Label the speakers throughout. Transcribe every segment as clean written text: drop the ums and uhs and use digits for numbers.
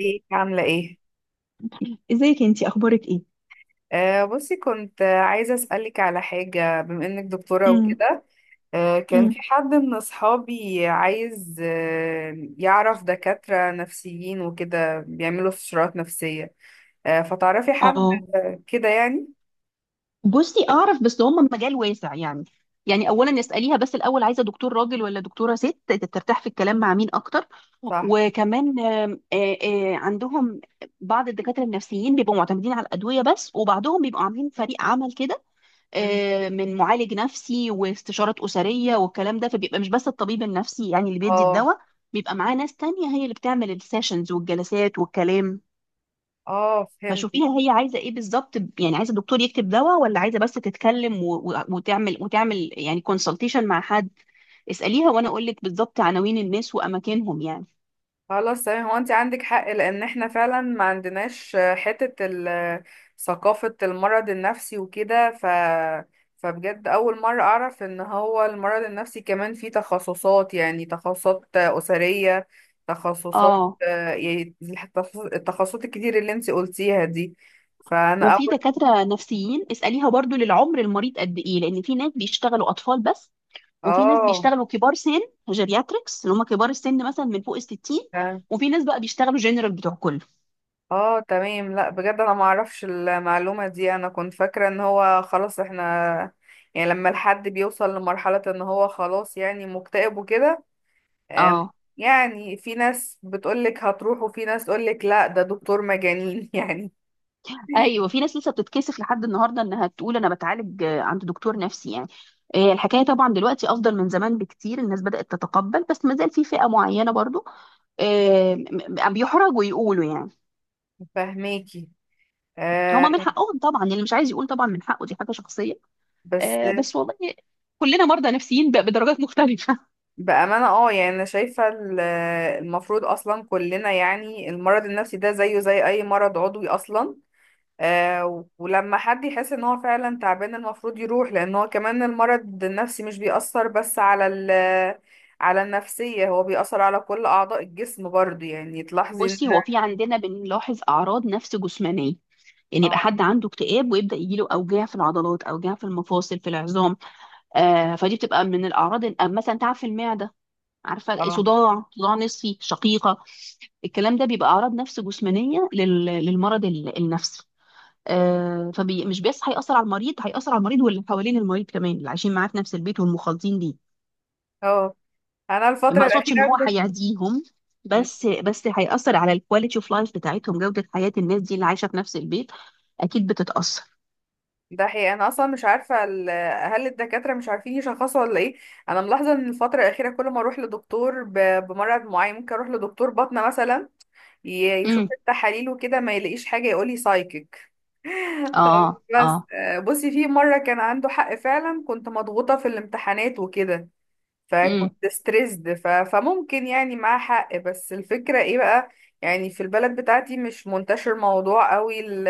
Speaker 1: ازيك عاملة ايه؟
Speaker 2: ازيك انتي اخبارك ايه؟
Speaker 1: بصي كنت عايزة اسألك على حاجة بما انك دكتورة
Speaker 2: امم
Speaker 1: وكده. كان في
Speaker 2: امم
Speaker 1: حد من اصحابي عايز يعرف دكاترة نفسيين وكده بيعملوا استشارات نفسية. فتعرفي حد؟
Speaker 2: اه
Speaker 1: كده يعني؟
Speaker 2: بصي اعرف بس هم مجال واسع يعني. يعني اولا اساليها بس الاول عايزه دكتور راجل ولا دكتوره ست ترتاح في الكلام مع مين اكتر.
Speaker 1: صح.
Speaker 2: وكمان آم، آه، آه، عندهم بعض الدكاتره النفسيين بيبقوا معتمدين على الادويه بس وبعضهم بيبقوا عاملين فريق عمل كده،
Speaker 1: مم.
Speaker 2: من معالج نفسي واستشارات اسريه والكلام ده، فبيبقى مش بس الطبيب النفسي يعني اللي بيدي
Speaker 1: اه.
Speaker 2: الدواء. بيبقى معاه ناس تانية هي اللي بتعمل السيشنز والجلسات والكلام.
Speaker 1: اه، فهمت.
Speaker 2: فشوفيها هي عايزه ايه بالظبط، يعني عايزه الدكتور يكتب دواء ولا عايزه بس تتكلم وتعمل يعني كونسلتيشن مع حد. اساليها وانا اقول لك بالظبط عناوين الناس واماكنهم يعني.
Speaker 1: خلاص، تمام. هو انت عندك حق لان احنا فعلا ما عندناش، ثقافة المرض النفسي وكده. فبجد اول مرة اعرف ان هو المرض النفسي كمان فيه تخصصات، يعني تخصصات اسرية، تخصصات،
Speaker 2: اه،
Speaker 1: التخصصات الكتير اللي انت قلتيها دي. فانا
Speaker 2: وفي
Speaker 1: اول.
Speaker 2: دكاتره نفسيين اساليها برضو للعمر، المريض قد ايه، لان في ناس بيشتغلوا اطفال بس، وفي ناس بيشتغلوا كبار سن، جيرياتريكس اللي هم كبار السن مثلا من فوق ال 60،
Speaker 1: اه.
Speaker 2: وفي ناس بقى بيشتغلوا جنرال بتوع كله.
Speaker 1: اه، تمام. لا، بجد انا ما اعرفش المعلومة دي، انا كنت فاكرة ان هو خلاص احنا، يعني لما الحد بيوصل لمرحلة ان هو خلاص يعني مكتئب وكده. آم،
Speaker 2: اه.
Speaker 1: يعني في ناس بتقولك هتروح وفي ناس تقولك لا ده دكتور مجانين يعني.
Speaker 2: ايوه، في ناس لسه بتتكسف لحد النهارده انها تقول انا بتعالج عند دكتور نفسي يعني. الحكايه طبعا دلوقتي افضل من زمان بكتير، الناس بدات تتقبل، بس ما زال في فئه معينه برضو آه، م- بيحرجوا يقولوا يعني.
Speaker 1: فهماكي. آه.
Speaker 2: هما من حقهم طبعا، اللي مش عايز يقول طبعا من حقه، دي حاجه شخصيه.
Speaker 1: بس
Speaker 2: بس والله كلنا مرضى نفسيين بدرجات مختلفه.
Speaker 1: بأمانة، اه، يعني أنا شايفة المفروض أصلا كلنا، يعني المرض النفسي ده زيه زي أي مرض عضوي أصلا. ولما حد يحس ان هو فعلا تعبان المفروض يروح، لان هو كمان المرض النفسي مش بيأثر بس على على النفسية، هو بيأثر على كل أعضاء الجسم برضو، يعني تلاحظي ان...
Speaker 2: بصي، هو في عندنا بنلاحظ اعراض نفس جسمانيه، يعني يبقى
Speaker 1: اه،
Speaker 2: حد عنده اكتئاب ويبدا يجيله اوجاع في العضلات، اوجاع في المفاصل، في العظام. فدي بتبقى من الاعراض مثلا تعب في المعده، عارفه،
Speaker 1: اه،
Speaker 2: صداع، صداع نصفي، شقيقه. الكلام ده بيبقى اعراض نفس جسمانيه للمرض النفسي. فمش بس هيأثر على المريض، هيأثر على المريض واللي حوالين المريض كمان، اللي عايشين معاه في نفس البيت والمخالطين ليه.
Speaker 1: اه. انا
Speaker 2: ما
Speaker 1: الفترة
Speaker 2: اقصدش ان هو
Speaker 1: الأخيرة كنت-.
Speaker 2: هيعديهم، بس هيأثر على الكواليتي اوف لايف بتاعتهم، جودة حياة الناس دي اللي عايشة في نفس البيت اكيد بتتأثر.
Speaker 1: ده حقيقي، انا اصلا مش عارفة هل الدكاترة مش عارفين يشخصوا ولا ايه؟ انا ملاحظة ان الفترة الأخيرة كل ما اروح لدكتور بمرض معين، ممكن اروح لدكتور باطنة مثلا، يشوف
Speaker 2: امم.
Speaker 1: التحاليل وكده ما يلاقيش حاجة، يقولي سايكيك.
Speaker 2: اه.
Speaker 1: طيب، بس
Speaker 2: اه.
Speaker 1: بصي في مرة كان عنده حق، فعلا كنت مضغوطة في الامتحانات وكده،
Speaker 2: امم.
Speaker 1: فكنت ستريسد، فممكن يعني معاه حق، بس الفكرة ايه بقى؟ يعني في البلد بتاعتي مش منتشر موضوع قوي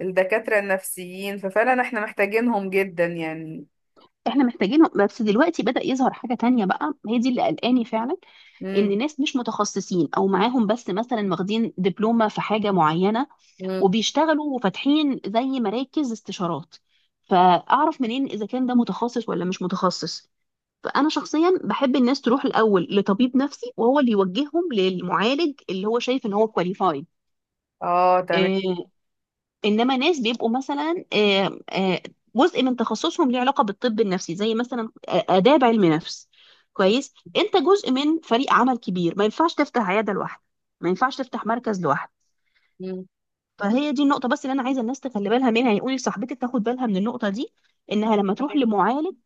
Speaker 1: الدكاترة النفسيين، ففعلا احنا محتاجينهم جدا يعني.
Speaker 2: احنا محتاجينهم، بس دلوقتي بدأ يظهر حاجة تانية بقى، هي دي اللي قلقاني فعلا.
Speaker 1: مم.
Speaker 2: ان ناس مش متخصصين او معاهم بس مثلا واخدين دبلومة في حاجة معينة
Speaker 1: مم.
Speaker 2: وبيشتغلوا وفاتحين زي مراكز استشارات، فاعرف منين اذا كان ده متخصص ولا مش متخصص؟ فانا شخصيا بحب الناس تروح الاول لطبيب نفسي، وهو اللي يوجههم للمعالج اللي هو شايف ان هو كواليفايد.
Speaker 1: اه، تمام.
Speaker 2: انما ناس بيبقوا مثلا جزء من تخصصهم ليه علاقه بالطب النفسي، زي مثلا اداب علم نفس، كويس، انت جزء من فريق عمل كبير، ما ينفعش تفتح عياده لوحدك، ما ينفعش تفتح مركز لوحدك.
Speaker 1: مم.
Speaker 2: فهي دي النقطه بس اللي انا عايزه الناس تخلي بالها منها، يقولي لصاحبتك تاخد بالها من النقطه دي، انها لما تروح
Speaker 1: تمام.
Speaker 2: لمعالج،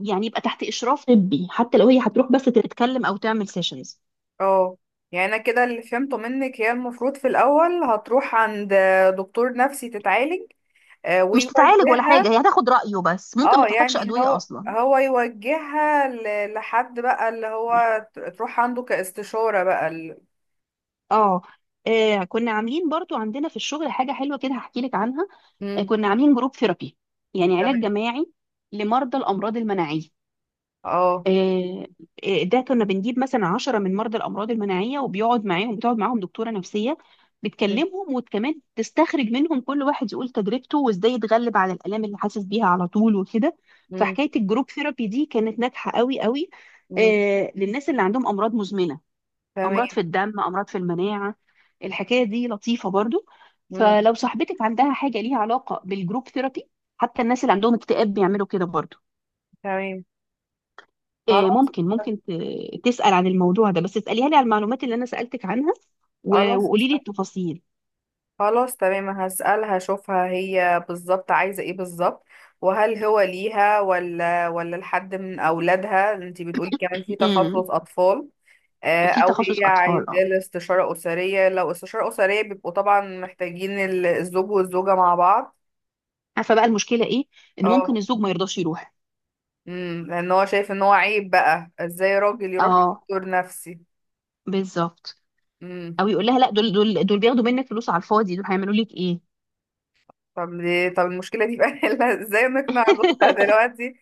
Speaker 2: يعني يبقى تحت اشراف طبي، حتى لو هي هتروح بس تتكلم او تعمل سيشنز.
Speaker 1: اه، يعني انا كده اللي فهمته منك، هي المفروض في الاول هتروح عند دكتور نفسي تتعالج،
Speaker 2: مش تتعالج ولا حاجه،
Speaker 1: ويوجهها.
Speaker 2: هي هتاخد رايه بس، ممكن ما
Speaker 1: اه،
Speaker 2: تحتاجش
Speaker 1: يعني
Speaker 2: ادويه
Speaker 1: هو
Speaker 2: اصلا.
Speaker 1: يوجهها لحد بقى اللي هو تروح عنده كاستشارة بقى ال-.
Speaker 2: اه، كنا عاملين برضو عندنا في الشغل حاجة حلوة كده، هحكي لك عنها.
Speaker 1: مم.
Speaker 2: كنا عاملين جروب ثيرابي، يعني
Speaker 1: تمام.
Speaker 2: علاج جماعي لمرضى الأمراض المناعية.
Speaker 1: اه.
Speaker 2: آه، ده كنا بنجيب مثلا عشرة من مرضى الأمراض المناعية وبيقعد معاهم، بتقعد معاهم دكتورة نفسية،
Speaker 1: مم.
Speaker 2: بتكلمهم وكمان تستخرج منهم، كل واحد يقول تجربته وازاي يتغلب على الآلام اللي حاسس بيها على طول وكده.
Speaker 1: مم.
Speaker 2: فحكاية الجروب ثيرابي دي كانت ناجحة قوي قوي،
Speaker 1: مم.
Speaker 2: للناس اللي عندهم أمراض مزمنة،
Speaker 1: تمام.
Speaker 2: امراض في الدم، امراض في المناعه. الحكايه دي لطيفه برضو.
Speaker 1: مم.
Speaker 2: فلو صاحبتك عندها حاجه ليها علاقه بالجروب ثيرابي، حتى الناس اللي عندهم اكتئاب بيعملوا كده برضو.
Speaker 1: تمام.
Speaker 2: آه،
Speaker 1: خلاص.
Speaker 2: ممكن ممكن ت- تسال عن الموضوع ده، بس اساليها لي على المعلومات اللي انا سالتك عنها
Speaker 1: خلاص.
Speaker 2: وقولي لي التفاصيل.
Speaker 1: خلاص، تمام، هسألها اشوفها هي بالظبط عايزة ايه بالظبط، وهل هو ليها ولا لحد من اولادها، انتي بتقولي كمان في
Speaker 2: امم.
Speaker 1: تخصص اطفال.
Speaker 2: في
Speaker 1: او هي
Speaker 2: تخصص
Speaker 1: عايزة
Speaker 2: اطفال اه.
Speaker 1: الاستشارة أسرية، لو استشارة أسرية بيبقوا طبعا محتاجين الزوج والزوجة مع بعض.
Speaker 2: عارفه بقى المشكله ايه؟ ان ممكن
Speaker 1: اه.
Speaker 2: الزوج ما يرضاش يروح.
Speaker 1: لأن هو شايف ان هو عيب، بقى ازاي راجل يروح
Speaker 2: اه،
Speaker 1: لدكتور نفسي.
Speaker 2: بالظبط.
Speaker 1: امم.
Speaker 2: او يقول لها لا، دول بياخدوا منك فلوس على الفاضي، دول هيعملوا لك ايه.
Speaker 1: طب ليه، طب المشكلة دي بقى نحلها ازاي، نقنع جوزها دلوقتي؟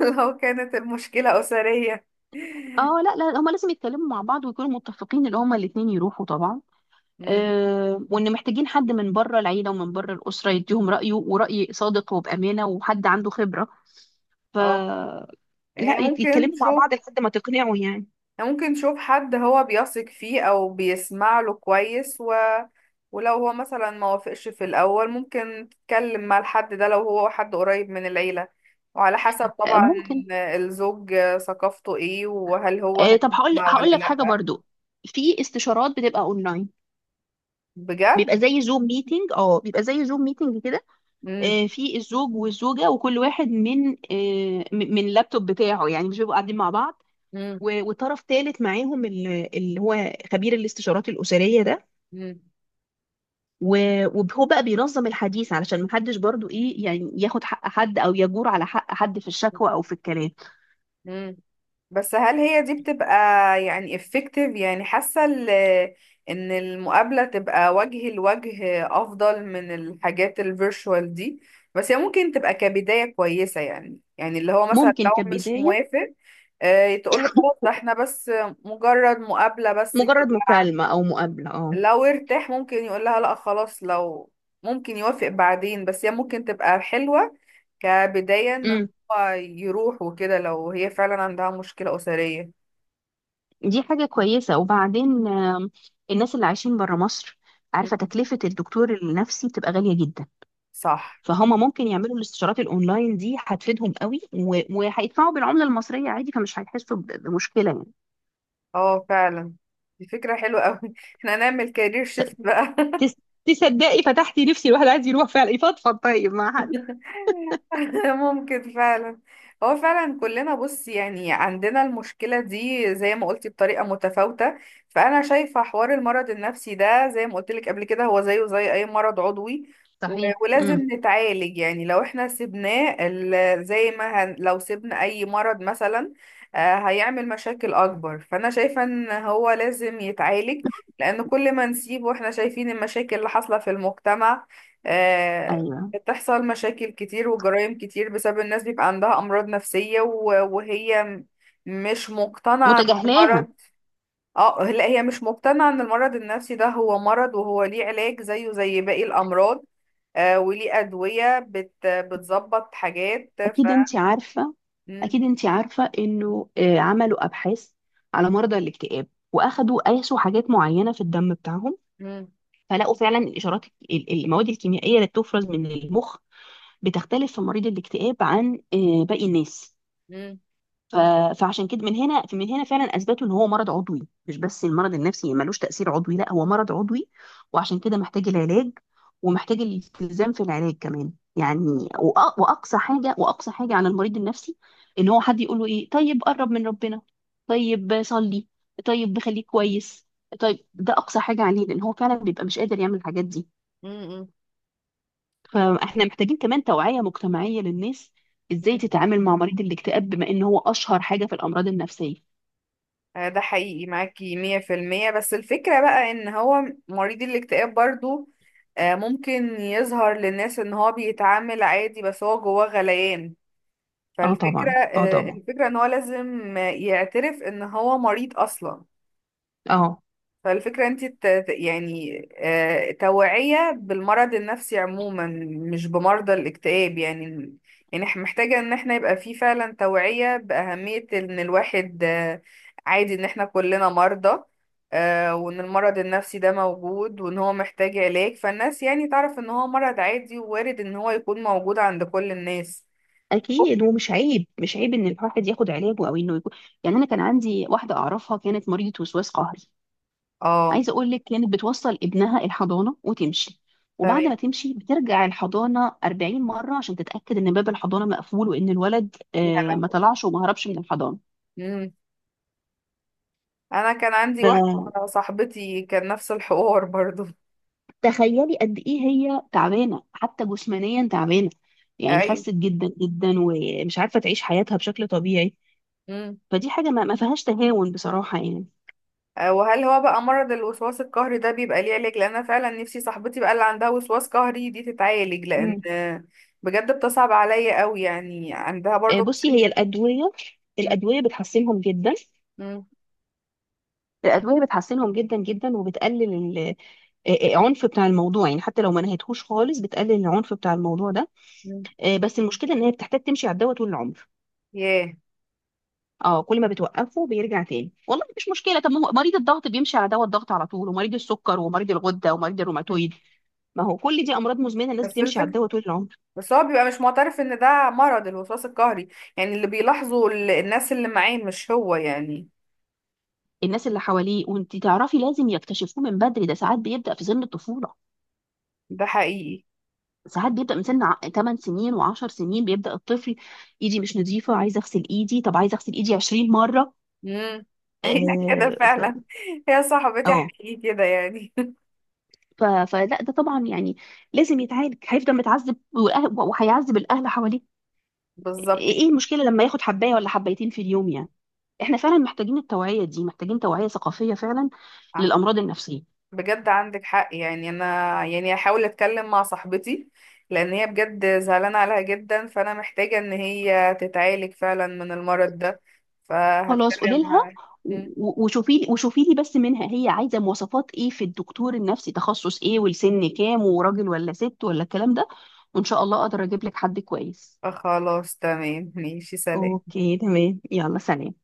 Speaker 1: لو كانت المشكلة أسرية.
Speaker 2: اه لا لا، هما لازم يتكلموا مع بعض ويكونوا متفقين ان هما الاتنين يروحوا طبعا.
Speaker 1: امم.
Speaker 2: آه، وان محتاجين حد من بره العيله ومن بره الاسره يديهم رايه، وراي صادق وبامانه، وحد عنده خبره. ف
Speaker 1: اه، هي
Speaker 2: لا،
Speaker 1: ممكن
Speaker 2: يتكلموا مع
Speaker 1: تشوف،
Speaker 2: بعض لحد ما تقنعوا يعني.
Speaker 1: ممكن نشوف حد هو بيثق فيه او بيسمع له كويس ولو هو مثلا ما وافقش في الاول ممكن تتكلم مع الحد ده، لو هو حد قريب من العيلة، وعلى حسب
Speaker 2: آه
Speaker 1: طبعا
Speaker 2: ممكن.
Speaker 1: الزوج ثقافته ايه، وهل هو
Speaker 2: آه، طب هقول،
Speaker 1: هيسمع ولا
Speaker 2: هقول لك
Speaker 1: لا.
Speaker 2: حاجه برضو. في استشارات بتبقى اونلاين،
Speaker 1: بجد؟
Speaker 2: بيبقى زي زوم ميتنج. اه، بيبقى زي زوم ميتنج كده.
Speaker 1: امم.
Speaker 2: آه، في الزوج والزوجه، وكل واحد من من اللابتوب بتاعه، يعني مش بيبقوا قاعدين مع بعض، وطرف ثالث معاهم اللي هو خبير الاستشارات الأسرية ده،
Speaker 1: امم.
Speaker 2: وهو بقى بينظم الحديث علشان محدش برضو ايه يعني، ياخد حق حد او يجور على حق حد في الشكوى او في الكلام.
Speaker 1: مم. بس هل هي دي بتبقى يعني effective، يعني حاسة ان المقابلة تبقى وجه لوجه افضل من الحاجات الفيرشوال دي؟ بس هي ممكن تبقى كبداية كويسة، يعني اللي هو مثلا
Speaker 2: ممكن
Speaker 1: لو مش
Speaker 2: كبداية،
Speaker 1: موافق، تقول له خلاص ده احنا بس مجرد مقابلة بس كده.
Speaker 2: مجرد مكالمة او مقابلة اه.
Speaker 1: لو ارتاح ممكن يقول لها لا خلاص، لو ممكن يوافق بعدين، بس هي ممكن تبقى حلوة كبداية ان
Speaker 2: امم،
Speaker 1: هو يروح وكده لو هي فعلا عندها مشكلة أسرية.
Speaker 2: دي حاجة كويسة. وبعدين الناس اللي عايشين بره مصر، عارفة
Speaker 1: مم.
Speaker 2: تكلفة الدكتور النفسي بتبقى غالية جدا،
Speaker 1: صح.
Speaker 2: فهم ممكن يعملوا الاستشارات الاونلاين دي، هتفيدهم قوي، وهيدفعوا بالعملة المصرية عادي، فمش هيحسوا بمشكلة يعني.
Speaker 1: اه، فعلا، دي فكرة حلوة اوي. احنا هنعمل كارير شيفت بقى.
Speaker 2: تس- تصدقي فتحتي نفسي، الواحد عايز يروح فعلا يفضفض طيب مع حد.
Speaker 1: ممكن فعلا. هو فعلا كلنا، بص يعني، عندنا المشكلة دي زي ما قلتي بطريقة متفاوتة. فأنا شايفة حوار المرض النفسي ده زي ما قلت لك قبل كده هو زيه زي أي مرض عضوي. و-
Speaker 2: صحيح. امم.
Speaker 1: ولازم نتعالج، يعني لو احنا سيبناه ال- زي ما هن لو سيبنا أي مرض مثلا، هيعمل مشاكل أكبر. فأنا شايفة إن هو لازم يتعالج، لأن كل ما نسيبه احنا شايفين المشاكل اللي حاصلة في المجتمع. آه.
Speaker 2: ايوه.
Speaker 1: بتحصل مشاكل كتير وجرائم كتير بسبب الناس بيبقى عندها أمراض نفسية، وهي مش مقتنعة ان
Speaker 2: متجاهلاها.
Speaker 1: المرض. اه، لا، هي مش مقتنعة ان المرض النفسي ده هو مرض، وهو ليه علاج زيه زي باقي الأمراض. وليه أدوية بتظبط حاجات ف.
Speaker 2: اكيد انت عارفه،
Speaker 1: مم.
Speaker 2: اكيد انت عارفه انه عملوا ابحاث على مرضى الاكتئاب، واخدوا، قاسوا حاجات معينه في الدم بتاعهم،
Speaker 1: مم.
Speaker 2: فلقوا فعلا الاشارات، المواد الكيميائيه اللي بتفرز من المخ بتختلف في مريض الاكتئاب عن باقي الناس.
Speaker 1: مم.
Speaker 2: ف- فعشان كده، من هنا فعلا اثبتوا ان هو مرض عضوي، مش بس المرض النفسي ملوش تاثير عضوي، لا هو مرض عضوي. وعشان كده محتاج العلاج، ومحتاج الالتزام في العلاج كمان يعني. واقصى حاجه، عن المريض النفسي، ان هو حد يقول له ايه، طيب قرب من ربنا، طيب صلي، طيب خليك كويس، طيب. ده اقصى حاجه عليه، لان هو فعلا بيبقى مش قادر يعمل الحاجات دي.
Speaker 1: مم.
Speaker 2: فاحنا محتاجين كمان توعيه مجتمعيه للناس، ازاي
Speaker 1: مم.
Speaker 2: تتعامل مع مريض الاكتئاب، بما ان هو اشهر حاجه في الامراض النفسيه.
Speaker 1: ده حقيقي، معاكي مية في المية، بس الفكرة بقى ان هو مريض الاكتئاب برضو ممكن يظهر للناس ان هو بيتعامل عادي بس هو جواه غليان.
Speaker 2: اه
Speaker 1: فالفكرة
Speaker 2: طبعا، اه
Speaker 1: آه،
Speaker 2: طبعا.
Speaker 1: الفكرة ان هو لازم يعترف ان هو مريض اصلا.
Speaker 2: اه.
Speaker 1: فالفكرة انت يعني توعية بالمرض النفسي عموما مش بمرضى الاكتئاب يعني. يعني محتاجة ان احنا يبقى في فعلا توعية بأهمية ان الواحد، عادي ان احنا كلنا مرضى. وان المرض النفسي ده موجود وان هو محتاج علاج، فالناس يعني تعرف ان هو مرض عادي ووارد ان هو يكون موجود عند كل الناس.
Speaker 2: اكيد، ومش عيب، مش عيب ان الواحد ياخد علاجه او انه يكون، يعني انا كان عندي واحده اعرفها كانت مريضه وسواس قهري،
Speaker 1: اه،
Speaker 2: عايزه اقول لك، كانت بتوصل ابنها الحضانه وتمشي،
Speaker 1: تمام.
Speaker 2: وبعد ما تمشي بترجع الحضانه 40 مره عشان تتاكد ان باب الحضانه مقفول، وان الولد
Speaker 1: يا
Speaker 2: ما
Speaker 1: هلا.
Speaker 2: طلعش وما هربش من الحضانه.
Speaker 1: مم. انا كان عندي واحدة، صاحبتي، كان نفس الحوار برضو.
Speaker 2: فتخيلي قد ايه هي تعبانه، حتى جسمانيا تعبانه، يعني
Speaker 1: ايوه.
Speaker 2: خست جدا جدا ومش عارفه تعيش حياتها بشكل طبيعي.
Speaker 1: امم.
Speaker 2: فدي حاجة ما فيهاش تهاون بصراحة يعني.
Speaker 1: وهل هو بقى مرض الوسواس القهري ده بيبقى ليه علاج؟ لان انا فعلا نفسي صاحبتي بقى اللي عندها وسواس قهري دي تتعالج، لان
Speaker 2: مم.
Speaker 1: بجد بتصعب عليا قوي، يعني عندها برضو
Speaker 2: بصي، هي
Speaker 1: مشاكل.
Speaker 2: الأدوية، الأدوية بتحسنهم جدا،
Speaker 1: امم.
Speaker 2: الأدوية بتحسنهم جدا جدا، وبتقلل العنف بتاع الموضوع يعني، حتى لو ما نهيتهوش خالص، بتقلل العنف بتاع الموضوع ده.
Speaker 1: امم.
Speaker 2: بس المشكلة إن هي بتحتاج تمشي على الدواء طول العمر.
Speaker 1: ياه.
Speaker 2: اه، كل ما بتوقفه بيرجع تاني. والله مفيش مشكلة، طب ما هو مريض الضغط بيمشي على دواء الضغط على طول، ومريض السكر، ومريض الغدة، ومريض
Speaker 1: مم.
Speaker 2: الروماتويد، ما هو كل دي أمراض مزمنة، الناس
Speaker 1: بس
Speaker 2: بتمشي على
Speaker 1: الفكرة،
Speaker 2: الدواء طول العمر.
Speaker 1: بس هو بيبقى مش معترف ان ده مرض الوسواس القهري، يعني اللي بيلاحظه الناس اللي معاه مش هو يعني.
Speaker 2: الناس اللي حواليه، وانت تعرفي لازم يكتشفوه من بدري، ده ساعات بيبدأ في سن الطفولة،
Speaker 1: ده حقيقي.
Speaker 2: ساعات بيبدأ من سن 8 سنين و10 سنين، بيبدأ الطفل ايدي مش نظيفة، عايزة اغسل ايدي، طب عايزة اغسل ايدي 20 مرة.
Speaker 1: امم. هي كده
Speaker 2: اه
Speaker 1: فعلا. هي صاحبتي
Speaker 2: اه
Speaker 1: حقيقي كده يعني.
Speaker 2: فلا، ده طبعا يعني لازم يتعالج، هيفضل متعذب، وهيعذب الاهل حواليه.
Speaker 1: بالظبط.
Speaker 2: إيه المشكلة لما ياخد حباية ولا حبايتين في اليوم يعني؟ احنا فعلا محتاجين التوعية دي، محتاجين توعية ثقافية فعلا
Speaker 1: كده.
Speaker 2: للأمراض النفسية.
Speaker 1: بجد عندك حق، يعني انا، يعني هحاول اتكلم مع صاحبتي، لان هي بجد زعلانه عليها جدا، فانا محتاجه ان هي تتعالج فعلا من المرض ده،
Speaker 2: خلاص، قولي
Speaker 1: فهتكلم
Speaker 2: لها،
Speaker 1: معاها. مم.
Speaker 2: وشوفي لي بس منها هي عايزه مواصفات ايه في الدكتور النفسي، تخصص ايه، والسن كام، وراجل ولا ست، ولا الكلام ده، وان شاء الله اقدر اجيب لك حد كويس.
Speaker 1: خلاص، تمام، ماشي، سلام.
Speaker 2: اوكي تمام، يلا سلام.